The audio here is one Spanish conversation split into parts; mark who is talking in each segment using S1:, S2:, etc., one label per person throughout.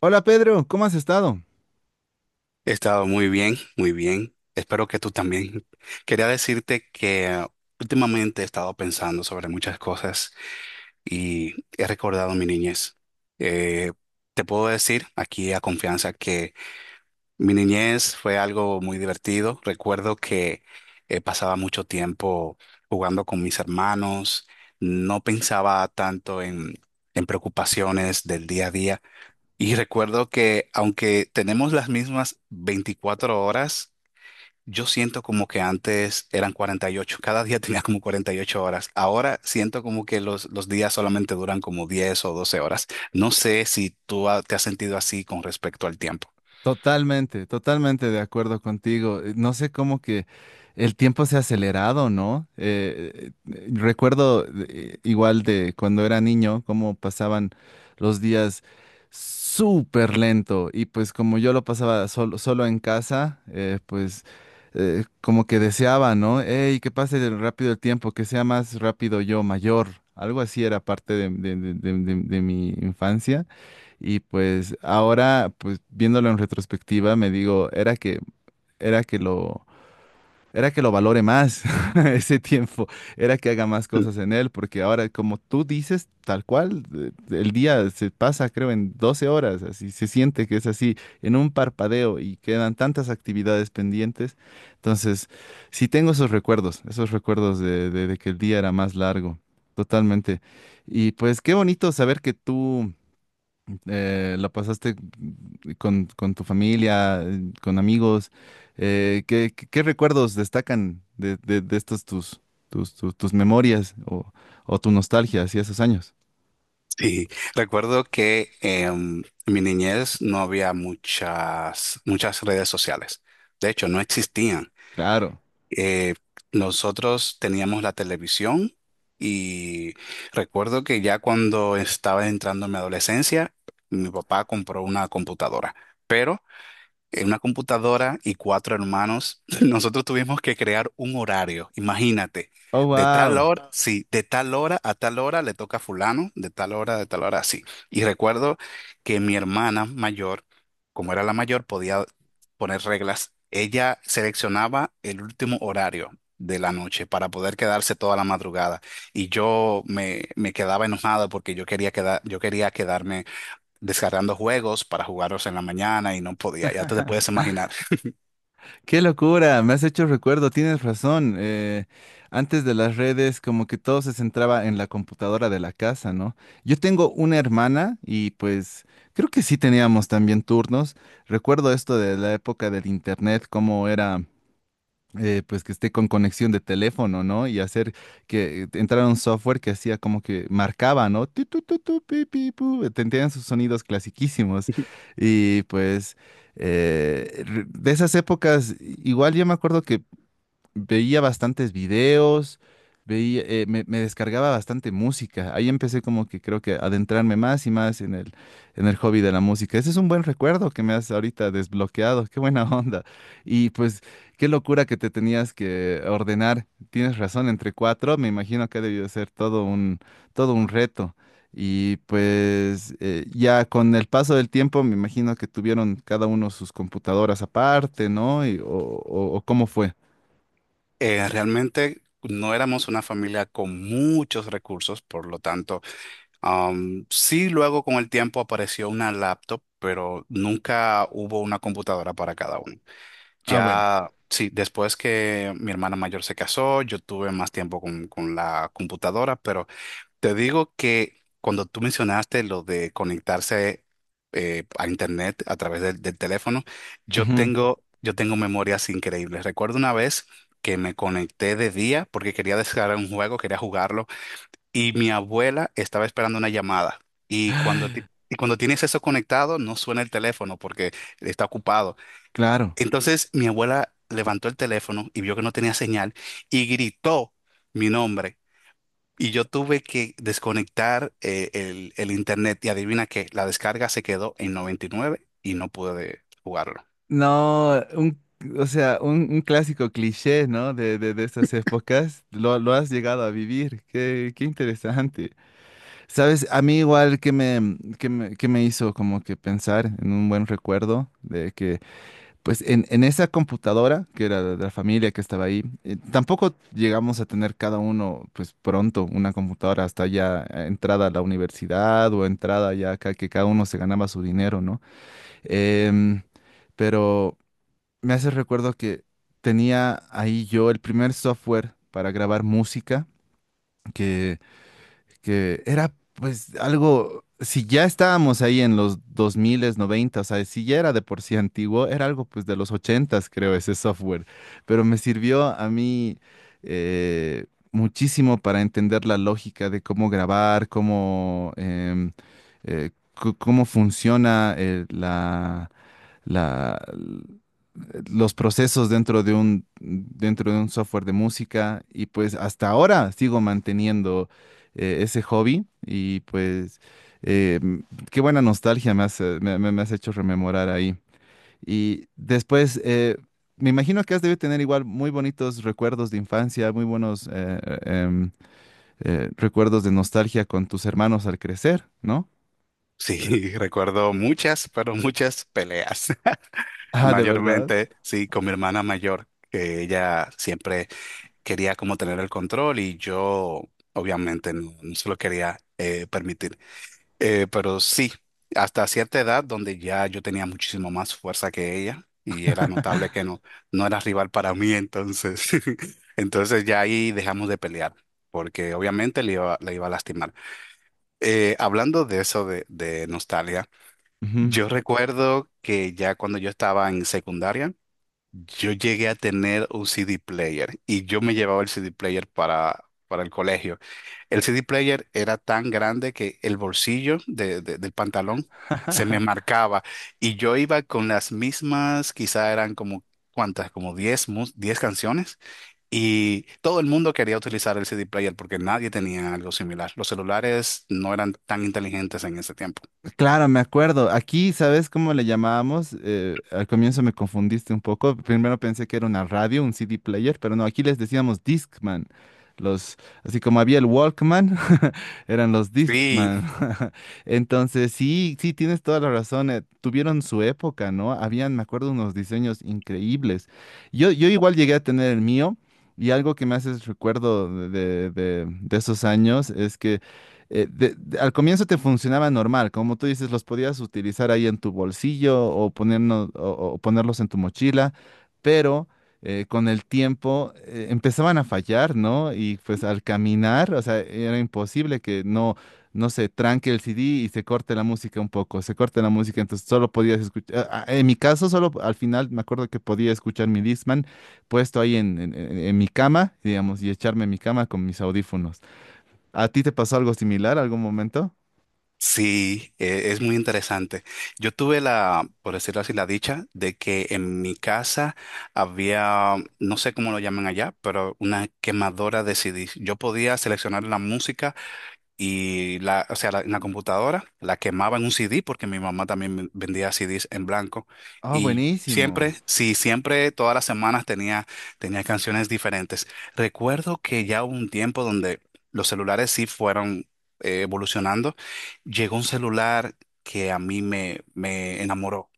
S1: Hola Pedro, ¿cómo has estado?
S2: He estado muy bien, muy bien. Espero que tú también. Quería decirte que últimamente he estado pensando sobre muchas cosas y he recordado mi niñez. Eh, te puedo decir aquí a confianza que mi niñez fue algo muy divertido. Recuerdo que pasaba mucho tiempo jugando con mis hermanos. No pensaba tanto en preocupaciones del día a día. Y recuerdo que aunque tenemos las mismas 24 horas, yo siento como que antes eran 48. Cada día tenía como 48 horas. Ahora siento como que los días solamente duran como 10 o 12 horas. No sé si te has sentido así con respecto al tiempo.
S1: Totalmente, totalmente de acuerdo contigo. No sé cómo que el tiempo se ha acelerado, ¿no? Recuerdo, igual, de cuando era niño, cómo pasaban los días súper lento. Y pues como yo lo pasaba solo, solo en casa, pues, como que deseaba, ¿no? ¡Ey, que pase rápido el tiempo, que sea más rápido yo, mayor! Algo así era parte de mi infancia. Y pues ahora, pues viéndolo en retrospectiva, me digo, era que lo, era que lo valore más, ese tiempo, era que haga más
S2: Mm.
S1: cosas en él, porque ahora, como tú dices, tal cual, el día se pasa, creo, en 12 horas, así se siente que es así, en un parpadeo, y quedan tantas actividades pendientes. Entonces, sí tengo esos recuerdos, esos recuerdos de que el día era más largo, totalmente. Y pues qué bonito saber que tú. ¿La pasaste con, tu familia, con amigos? ¿Qué recuerdos destacan de estas tus memorias o tu nostalgia hacia esos años?
S2: Sí, recuerdo que en mi niñez no había muchas, muchas redes sociales. De hecho, no existían.
S1: Claro.
S2: eh, nosotros teníamos la televisión y recuerdo que ya cuando estaba entrando en mi adolescencia, mi papá compró una computadora. Pero en una computadora y cuatro hermanos, nosotros tuvimos que crear un horario, imagínate,
S1: Oh,
S2: de tal
S1: wow.
S2: hora. Wow. Sí, de tal hora a tal hora le toca a fulano, de tal hora, así. Y recuerdo que mi hermana mayor, como era la mayor, podía poner reglas. Ella seleccionaba el último horario de la noche para poder quedarse toda la madrugada y yo me quedaba enojado porque yo quería quedar yo quería quedarme descargando juegos para jugarlos en la mañana y no podía, ya te puedes imaginar.
S1: Qué locura, me has hecho recuerdo, tienes razón. Antes de las redes, como que todo se centraba en la computadora de la casa, ¿no? Yo tengo una hermana y pues creo que sí teníamos también turnos. Recuerdo esto de la época del internet, cómo era. Pues que esté con conexión de teléfono, ¿no? Y hacer que entrara un software que hacía como que marcaba, ¿no? Tu, pi, pi, pu. Tenían sus sonidos clasiquísimos. Y pues, de esas épocas, igual yo me acuerdo que veía bastantes videos, me descargaba bastante música. Ahí empecé como que creo que adentrarme más y más en el hobby de la música. Ese es un buen recuerdo que me has ahorita desbloqueado. Qué buena onda. Y pues qué locura que te tenías que ordenar. Tienes razón, entre cuatro, me imagino que ha debido ser todo un reto. Y pues, ya con el paso del tiempo me imagino que tuvieron cada uno sus computadoras aparte, ¿no? O cómo fue.
S2: Realmente no éramos una familia con muchos recursos, por lo tanto, sí luego con el tiempo apareció una laptop, pero nunca hubo una computadora para cada uno.
S1: Ah, bueno.
S2: Ya, sí, después que mi hermana mayor se casó, yo tuve más tiempo con la computadora, pero te digo que cuando tú mencionaste lo de conectarse a internet a través del teléfono,
S1: Ujú.
S2: yo tengo memorias increíbles. Recuerdo una vez que me conecté de día porque quería descargar un juego, quería jugarlo, y mi abuela estaba esperando una llamada. Y y cuando tienes eso conectado, no suena el teléfono porque está ocupado.
S1: Claro.
S2: Entonces mi abuela levantó el teléfono y vio que no tenía señal y gritó mi nombre. Y yo tuve que desconectar el internet y adivina qué, la descarga se quedó en 99 y nueve y no pude jugarlo.
S1: No, o sea, un clásico cliché, ¿no? De estas épocas, lo has llegado a vivir. Qué interesante. Sabes, a mí igual, que me hizo como que pensar en un buen recuerdo de que, pues, en esa computadora, que era de la familia que estaba ahí, tampoco llegamos a tener cada uno, pues, pronto una computadora, hasta ya, entrada a la universidad, o entrada ya acá, que cada uno se ganaba su dinero, ¿no? Em, pero me hace recuerdo que tenía ahí yo el primer software para grabar música, que era pues algo, si ya estábamos ahí en los 2090, o sea, si ya era de por sí antiguo, era algo pues de los 80, creo, ese software, pero me sirvió a mí, eh, muchísimo, para entender la lógica de cómo grabar, cómo, eh, cómo funciona, la... la los procesos dentro de un software de música. Y pues hasta ahora sigo manteniendo, ese hobby. Y pues, eh, m- qué buena nostalgia me has hecho rememorar ahí. Y después, me imagino que has debido tener igual muy bonitos recuerdos de infancia, muy buenos, recuerdos de nostalgia con tus hermanos al crecer, ¿no?
S2: Sí, recuerdo muchas, pero muchas peleas.
S1: Ah, ¿de verdad?
S2: Mayormente, sí, con mi hermana mayor, que ella siempre quería como tener el control y yo obviamente no, no se lo quería permitir. Pero sí, hasta cierta edad donde ya yo tenía muchísimo más fuerza que ella y era notable que no, no era rival para mí, entonces, entonces ya ahí dejamos de pelear, porque obviamente le iba a lastimar. Hablando de eso de nostalgia, yo recuerdo que ya cuando yo estaba en secundaria, yo llegué a tener un CD player y yo me llevaba el CD player para el colegio. El CD player era tan grande que el bolsillo del pantalón se me marcaba y yo iba con las mismas, quizá eran como, ¿cuántas? Como 10 canciones y todo el mundo quería utilizar el CD player porque nadie tenía algo similar. Los celulares no eran tan inteligentes en ese tiempo.
S1: Claro, me acuerdo. Aquí, ¿sabes cómo le llamábamos? Al comienzo me confundiste un poco. Primero pensé que era una radio, un CD player, pero no, aquí les decíamos Discman. Los, Así como había el Walkman, eran los
S2: Sí.
S1: Discman. Entonces, sí, sí, tienes toda la razón. Tuvieron su época, ¿no? Habían, me acuerdo, unos diseños increíbles. Yo igual llegué a tener el mío. Y algo que me hace recuerdo de esos años es que, al comienzo te funcionaba normal, como tú dices, los podías utilizar ahí en tu bolsillo, o ponerlos en tu mochila, pero, con el tiempo, empezaban a fallar, ¿no? Y pues al caminar, o sea, era imposible que no se tranque el CD y se corte la música un poco, se corte la música. Entonces solo podías escuchar, en mi caso, solo al final me acuerdo que podía escuchar mi Discman puesto ahí en mi cama, digamos, y echarme en mi cama con mis audífonos. ¿A ti te pasó algo similar algún momento?
S2: Sí, es muy interesante. Yo tuve la, por decirlo así, la dicha de que en mi casa había, no sé cómo lo llaman allá, pero una quemadora de CDs. Yo podía seleccionar la música y la, o sea, la- en la computadora la quemaba en un CD porque mi mamá también vendía CDs en blanco.
S1: Ah,
S2: Y
S1: buenísimo.
S2: siempre, sí, siempre, todas las semanas tenía canciones diferentes. Recuerdo que ya hubo un tiempo donde los celulares sí fueron evolucionando. Llegó un celular que a mí me enamoró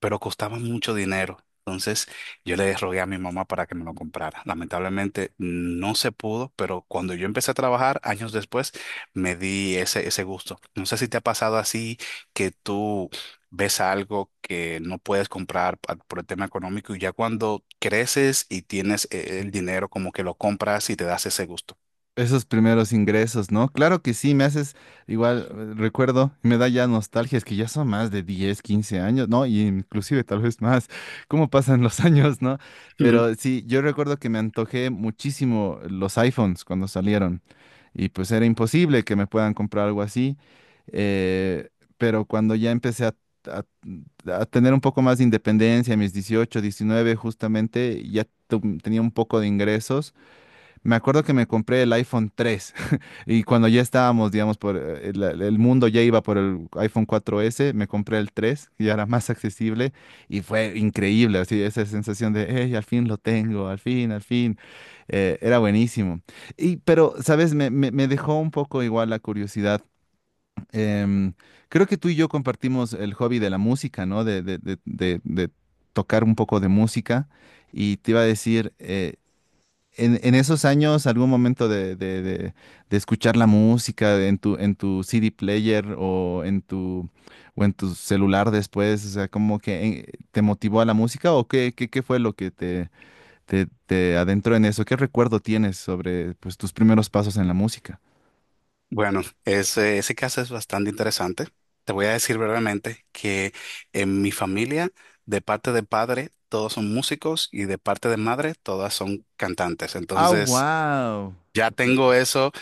S2: pero costaba mucho dinero. Entonces yo le rogué a mi mamá para que me lo comprara. Lamentablemente no se pudo, pero cuando yo empecé a trabajar años después, me di ese gusto. No sé si te ha pasado así que tú ves algo que no puedes comprar por el tema económico y ya cuando creces y tienes el dinero, como que lo compras y te das ese gusto.
S1: Esos primeros ingresos, ¿no? Claro que sí, me haces, igual, recuerdo, y me da ya nostalgia. Es que ya son más de 10, 15 años, ¿no? Y inclusive tal vez más. Cómo pasan los años, ¿no? Pero sí, yo recuerdo que me antojé muchísimo los iPhones cuando salieron, y pues era imposible que me puedan comprar algo así. Eh, pero cuando ya empecé a- a tener un poco más de independencia, a mis 18, 19 justamente, ya tenía un poco de ingresos. Me acuerdo que me compré el iPhone 3, y cuando ya estábamos, digamos, por, el mundo ya iba por el iPhone 4s, me compré el 3, que ya era más accesible, y fue increíble, así, esa sensación de, hey, al fin lo tengo, al fin, era buenísimo. Y pero, ¿sabes? Me dejó un poco, igual, la curiosidad. Em, Creo que tú y yo compartimos el hobby de la música, ¿no? De tocar un poco de música. Y te iba a decir... en esos años, algún momento de, de escuchar la música en tu CD player, o en tu celular después, o sea, como que, ¿te motivó a la música, o qué fue lo que te adentró en eso? ¿Qué recuerdo tienes sobre, pues, tus primeros pasos en la música?
S2: Bueno, ese caso es bastante interesante. Te voy a decir brevemente que en mi familia, de parte de padre, todos son músicos y de parte de madre, todas son cantantes.
S1: Ah,
S2: Entonces,
S1: wow.
S2: ya tengo eso,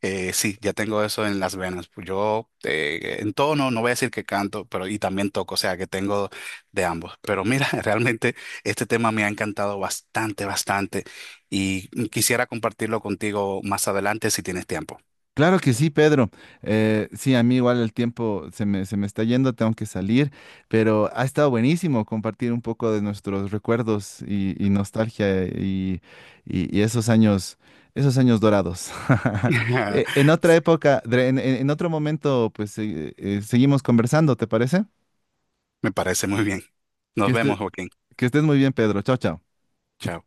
S2: sí, ya tengo eso en las venas. Pues yo en tono, no voy a decir que canto, pero y también toco, o sea, que tengo de ambos. Pero mira, realmente este tema me ha encantado bastante, bastante y quisiera compartirlo contigo más adelante si tienes tiempo.
S1: Claro que sí, Pedro. Sí, a mí igual el tiempo se me está yendo, tengo que salir, pero ha estado buenísimo compartir un poco de nuestros recuerdos y, nostalgia, y esos años dorados. En otra época, en otro momento, pues, seguimos conversando, ¿te parece?
S2: Me parece muy bien.
S1: Que
S2: Nos
S1: estés,
S2: vemos, Joaquín.
S1: que estés muy bien, Pedro. Chao, chao.
S2: Chao.